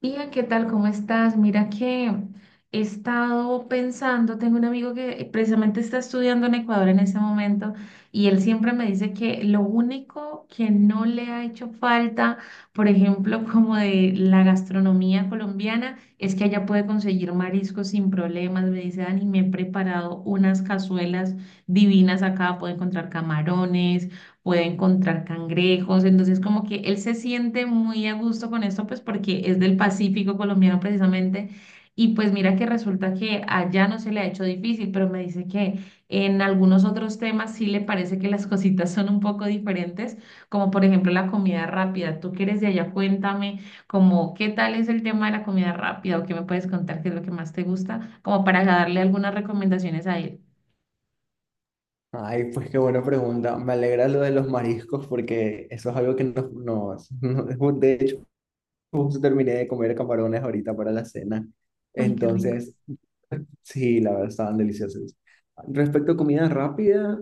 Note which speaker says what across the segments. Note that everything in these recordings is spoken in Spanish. Speaker 1: Bien, ¿qué tal? ¿Cómo estás? Mira que he estado pensando, tengo un amigo que precisamente está estudiando en Ecuador en ese momento y él siempre me dice que lo único que no le ha hecho falta, por ejemplo, como de la gastronomía colombiana, es que allá puede conseguir mariscos sin problemas. Me dice, Dani, me he preparado unas cazuelas divinas acá, puedo encontrar camarones, puede encontrar cangrejos, entonces como que él se siente muy a gusto con esto, pues porque es del Pacífico colombiano precisamente, y pues mira que resulta que allá no se le ha hecho difícil, pero me dice que en algunos otros temas sí le parece que las cositas son un poco diferentes, como por ejemplo la comida rápida, tú que eres de allá, cuéntame como qué tal es el tema de la comida rápida o qué me puedes contar, qué es lo que más te gusta, como para darle algunas recomendaciones a él.
Speaker 2: Ay, pues qué buena pregunta. Me alegra lo de los mariscos porque eso es algo que de hecho, justo terminé de comer camarones ahorita para la cena.
Speaker 1: Ay, qué rico.
Speaker 2: Entonces, sí, la verdad, estaban deliciosos. Respecto a comida rápida,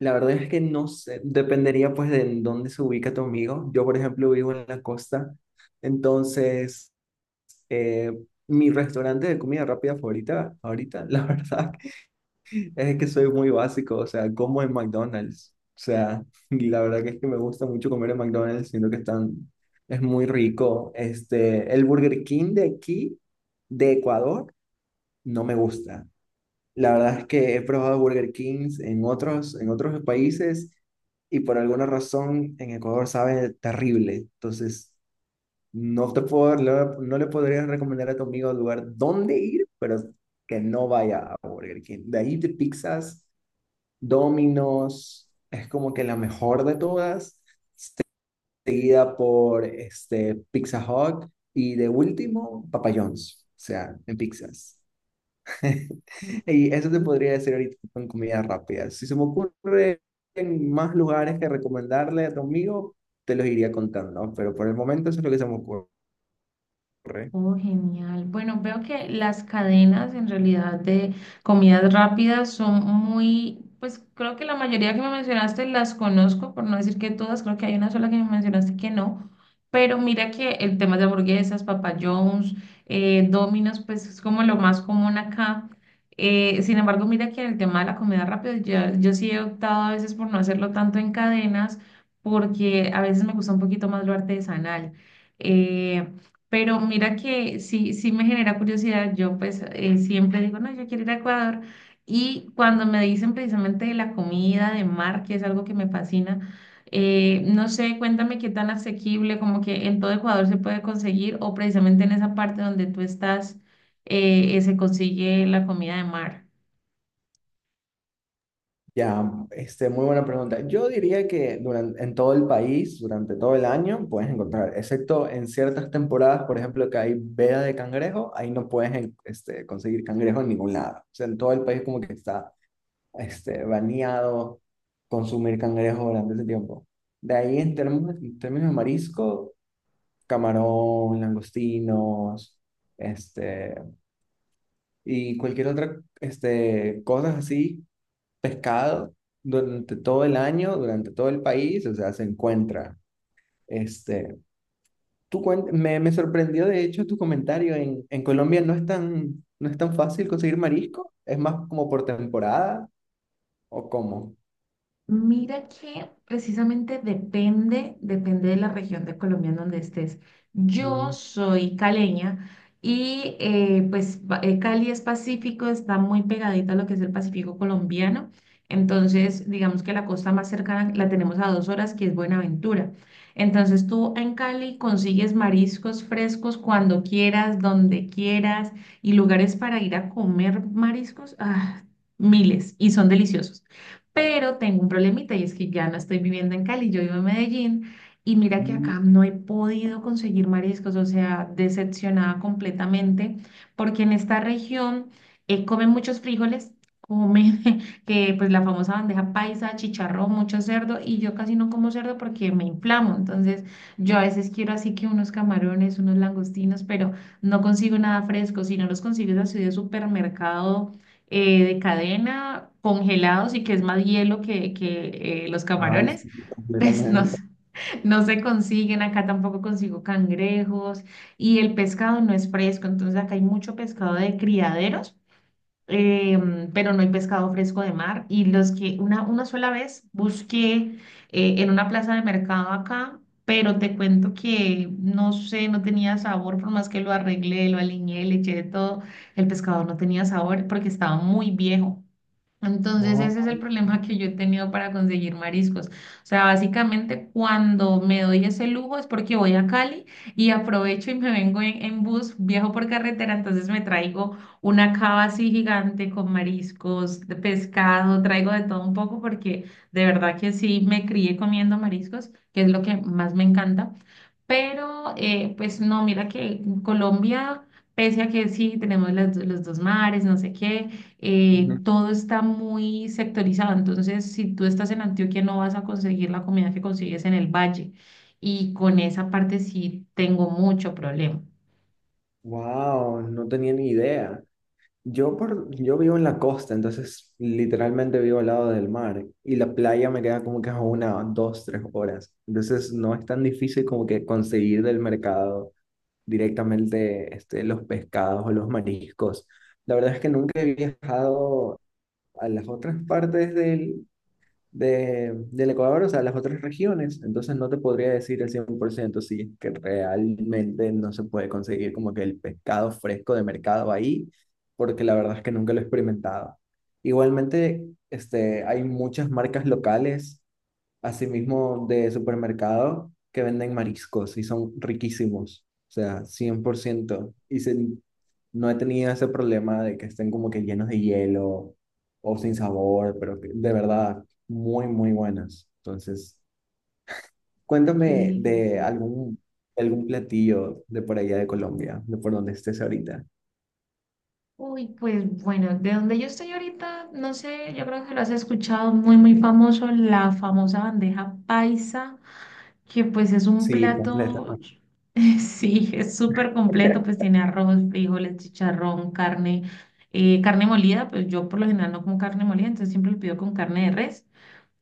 Speaker 2: la verdad es que no sé, dependería pues de en dónde se ubica tu amigo. Yo, por ejemplo, vivo en la costa. Entonces, eh, mi restaurante de comida rápida favorita, ahorita, la verdad, es que soy muy básico, o sea, como en McDonald's. O sea, y la verdad que es que me gusta mucho comer en McDonald's, siento que están, es muy rico. El Burger King de aquí, de Ecuador, no me gusta. La verdad es que he probado Burger Kings en otros países y por alguna razón en Ecuador sabe terrible. Entonces, no te puedo, no, no le podría recomendar a tu amigo el lugar dónde ir, pero que no vaya a Burger King. De ahí de pizzas. Domino's es como que la mejor de todas, seguida por Pizza Hut y de último, Papa John's, o sea, en pizzas. Y eso te podría decir ahorita con comida rápida. Si se me ocurre en más lugares que recomendarle a tu amigo, te los iría contando, pero por el momento eso es lo que se me ocurre.
Speaker 1: Oh, genial. Bueno, veo que las cadenas en realidad de comidas rápidas son muy, pues creo que la mayoría que me mencionaste las conozco, por no decir que todas, creo que hay una sola que me mencionaste que no, pero mira que el tema de hamburguesas, Papa John's, Domino's, pues es como lo más común acá. Sin embargo, mira que en el tema de la comida rápida, yo sí he optado a veces por no hacerlo tanto en cadenas, porque a veces me gusta un poquito más lo artesanal. Eh, pero mira que sí, sí me genera curiosidad. Yo pues siempre digo, no, yo quiero ir a Ecuador. Y cuando me dicen precisamente de la comida, de mar, que es algo que me fascina, no sé, cuéntame qué tan asequible, como que en todo Ecuador se puede conseguir o precisamente en esa parte donde tú estás, se consigue la comida de mar.
Speaker 2: Ya, muy buena pregunta. Yo diría que en todo el país, durante todo el año, puedes encontrar, excepto en ciertas temporadas, por ejemplo, que hay veda de cangrejo, ahí no puedes en- este, conseguir cangrejo en ningún lado. O sea, en todo el país como que está baneado consumir cangrejo durante ese tiempo. De ahí en términos de marisco, camarón, langostinos, este, y cualquier otra, cosas así, pescado, durante todo el año, durante todo el país, o sea, se encuentra. Este, me sorprendió de hecho tu comentario, en Colombia no es tan fácil conseguir marisco, es más como por temporada o cómo.
Speaker 1: Mira que precisamente depende, depende de la región de Colombia en donde estés. Yo
Speaker 2: Mm,
Speaker 1: soy caleña y pues Cali es Pacífico, está muy pegadita a lo que es el Pacífico colombiano. Entonces, digamos que la costa más cercana la tenemos a dos horas, que es Buenaventura. Entonces, tú en Cali consigues mariscos frescos cuando quieras, donde quieras y lugares para ir a comer mariscos, ah, miles y son deliciosos. Pero tengo un problemita y es que ya no estoy viviendo en Cali, yo vivo en Medellín y mira que
Speaker 2: mm.
Speaker 1: acá no he podido conseguir mariscos, o sea, decepcionada completamente, porque en esta región comen muchos frijoles, comen que pues la famosa bandeja paisa, chicharrón, mucho cerdo y yo casi no como cerdo porque me inflamo, entonces yo a veces quiero así que unos camarones, unos langostinos, pero no consigo nada fresco, si no los consigo es así de supermercado de cadena, congelados y que es más hielo que, que los
Speaker 2: Ay,
Speaker 1: camarones,
Speaker 2: sí,
Speaker 1: pues no,
Speaker 2: completamente.
Speaker 1: s- no se consiguen. Acá tampoco consigo cangrejos y el pescado no es fresco, entonces acá hay mucho pescado de criaderos, pero no hay pescado fresco de mar. Y los que una sola vez busqué en una plaza de mercado acá, pero te cuento que no sé, no tenía sabor, por más que lo arreglé, lo aliñé, le eché de todo, el pescado no tenía sabor porque estaba muy viejo. Entonces ese es el problema que yo he tenido para conseguir mariscos. O sea, básicamente cuando me doy ese lujo es porque voy a Cali y aprovecho y me vengo en bus, viajo por carretera, entonces me traigo una cava así gigante con mariscos, de pescado, traigo de todo un poco porque de verdad que sí me crié comiendo mariscos, que es lo que más me encanta. Pero, pues no, mira que en Colombia, pese a que sí tenemos las los, dos mares, no sé qué, todo está muy sectorizado, entonces si tú estás en Antioquia no vas a conseguir la comida que consigues en el valle y con esa parte sí tengo mucho problema.
Speaker 2: Wow, no tenía ni idea. Yo vivo en la costa, entonces literalmente vivo al lado del mar y la playa me queda como que a una, dos, tres horas. Entonces no es tan difícil como que conseguir del mercado directamente los pescados o los mariscos. La verdad es que nunca he viajado a las otras del Ecuador, o sea, las otras regiones, entonces no te podría decir el 100% si es que realmente no se puede conseguir como que el pescado fresco de mercado ahí, porque la verdad es que nunca lo he experimentado. Igualmente, hay muchas marcas locales asimismo de supermercados que venden mariscos y son riquísimos, o sea, cien por ciento. Y se- no he tenido ese problema de que estén como que llenos de hielo o sin sabor, pero que de verdad, muy, muy buenas. Entonces,
Speaker 1: Ay, qué
Speaker 2: cuéntame
Speaker 1: delicia.
Speaker 2: de algún platillo de por allá de Colombia, de por donde estés ahorita.
Speaker 1: Uy, pues bueno, de donde yo estoy ahorita, no sé, yo creo que lo has escuchado muy, muy famoso, la famosa bandeja paisa, que pues es un
Speaker 2: Sí, completamente.
Speaker 1: plato, sí, es súper completo, pues tiene arroz, frijoles, chicharrón, carne, carne molida, pues yo por lo general no como carne molida, entonces siempre lo pido con carne de res.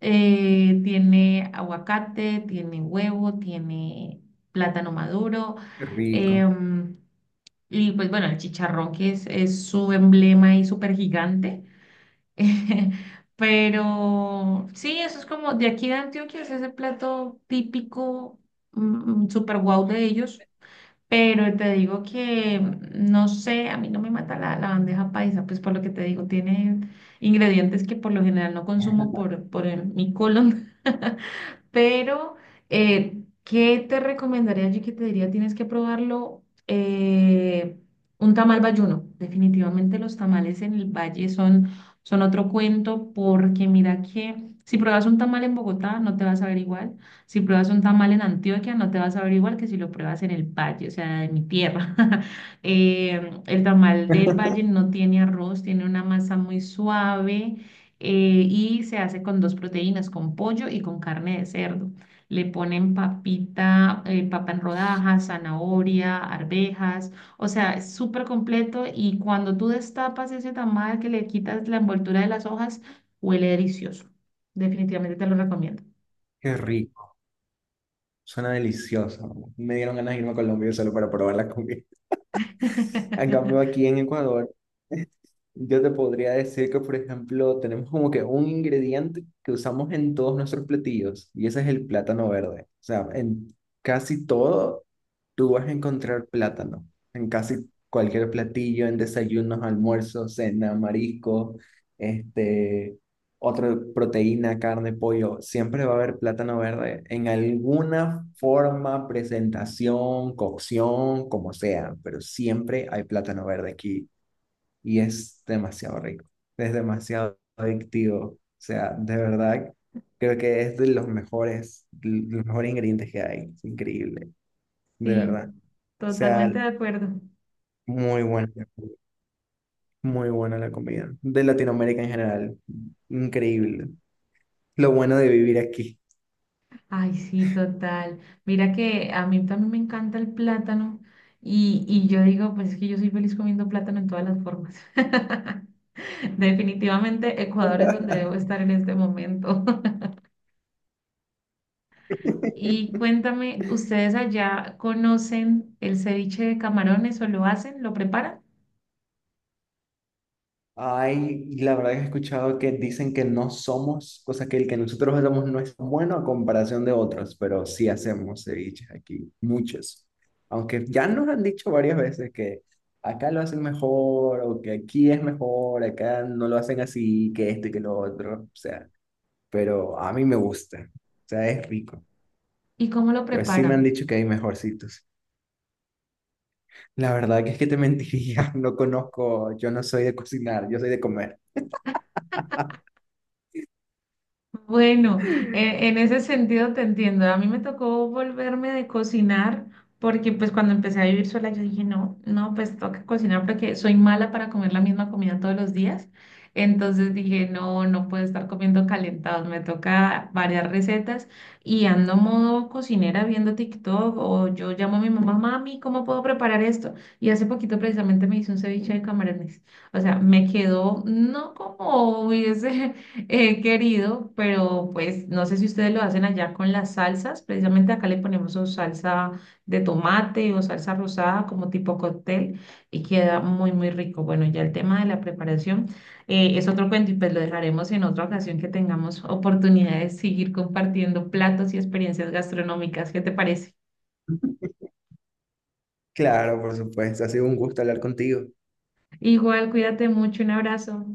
Speaker 1: Tiene aguacate, tiene huevo, tiene plátano maduro,
Speaker 2: Qué rico,
Speaker 1: em, y pues bueno, el chicharrón que es su emblema y súper gigante. Pero sí, eso es como de aquí de Antioquia, es ese plato típico, super guau de ellos. Pero te digo que, no sé, a mí no me mata la bandeja paisa, pues por lo que te digo, tiene ingredientes que por lo general no consumo por, mi colon. Pero, ¿qué te recomendaría yo que te diría? Tienes que probarlo. eh, un tamal bayuno. Definitivamente los tamales en el valle son, son otro cuento porque mira que si pruebas un tamal en Bogotá no te vas a ver igual. Si pruebas un tamal en Antioquia no te vas a ver igual que si lo pruebas en el valle, o sea, en mi tierra. El tamal del valle no tiene arroz, tiene una masa muy suave, y se hace con dos proteínas, con pollo y con carne de cerdo. Le ponen papita, papa en rodajas, zanahoria, arvejas, o sea, es súper completo y cuando tú destapas ese tamal que le quitas la envoltura de las hojas, huele delicioso. Definitivamente te lo recomiendo.
Speaker 2: qué rico. Suena delicioso. Me dieron ganas de irme a Colombia solo para probar la comida. En cambio, aquí en Ecuador, yo te podría decir que, por ejemplo, tenemos como que un ingrediente que usamos en todos nuestros platillos y ese es el plátano verde. O sea, en casi todo tú vas a encontrar plátano. En casi cualquier platillo, en desayunos, almuerzos, cena, marisco, este, otra proteína, carne, pollo, siempre va a haber plátano verde en alguna forma, presentación, cocción, como sea, pero siempre hay plátano verde aquí y es demasiado rico, es demasiado adictivo, o sea, de verdad creo que es de los mejores ingredientes que hay, es increíble, de
Speaker 1: Sí,
Speaker 2: verdad, o sea,
Speaker 1: totalmente de acuerdo.
Speaker 2: muy buena la comida, muy buena la comida de Latinoamérica en general, increíble, lo bueno de vivir aquí.
Speaker 1: Ay, sí, total. Mira que a mí también me encanta el plátano y yo digo, pues es que yo soy feliz comiendo plátano en todas las formas. Definitivamente Ecuador es donde debo estar en este momento. Y cuéntame, ¿ustedes allá conocen el ceviche de camarones o lo hacen, lo preparan?
Speaker 2: Ay, y la verdad que he escuchado que dicen que no somos, cosa que el que nosotros hacemos no es bueno a comparación de otros, pero sí hacemos ceviches aquí, muchos. Aunque ya nos han dicho varias veces que acá lo hacen mejor, o que aquí es mejor, acá no lo hacen así, que esto y que lo otro, o sea, pero a mí me gusta, o sea, es rico.
Speaker 1: ¿Y cómo lo
Speaker 2: Pues sí me han
Speaker 1: preparan?
Speaker 2: dicho que hay mejorcitos. La verdad que es que te mentiría, no conozco, yo no soy de cocinar, yo soy de comer.
Speaker 1: Bueno, en ese sentido te entiendo. A mí me tocó volverme de cocinar porque pues cuando empecé a vivir sola yo dije, no, no, pues toca cocinar porque soy mala para comer la misma comida todos los días. Entonces dije, no, no puedo estar comiendo calentados, me toca varias recetas y ando modo cocinera viendo TikTok o yo llamo a mi mamá, mami, ¿cómo puedo preparar esto? Y hace poquito precisamente me hice un ceviche de camarones. O sea, me quedó no como hubiese He querido, pero pues no sé si ustedes lo hacen allá con las salsas. Precisamente acá le ponemos o salsa de tomate o salsa rosada como tipo cóctel y queda muy, muy rico. Bueno, ya el tema de la preparación es otro cuento y pues lo dejaremos en otra ocasión que tengamos oportunidad de seguir compartiendo platos y experiencias gastronómicas. ¿Qué te parece?
Speaker 2: Claro, por supuesto. Ha sido un gusto hablar contigo.
Speaker 1: Igual, cuídate mucho, un abrazo.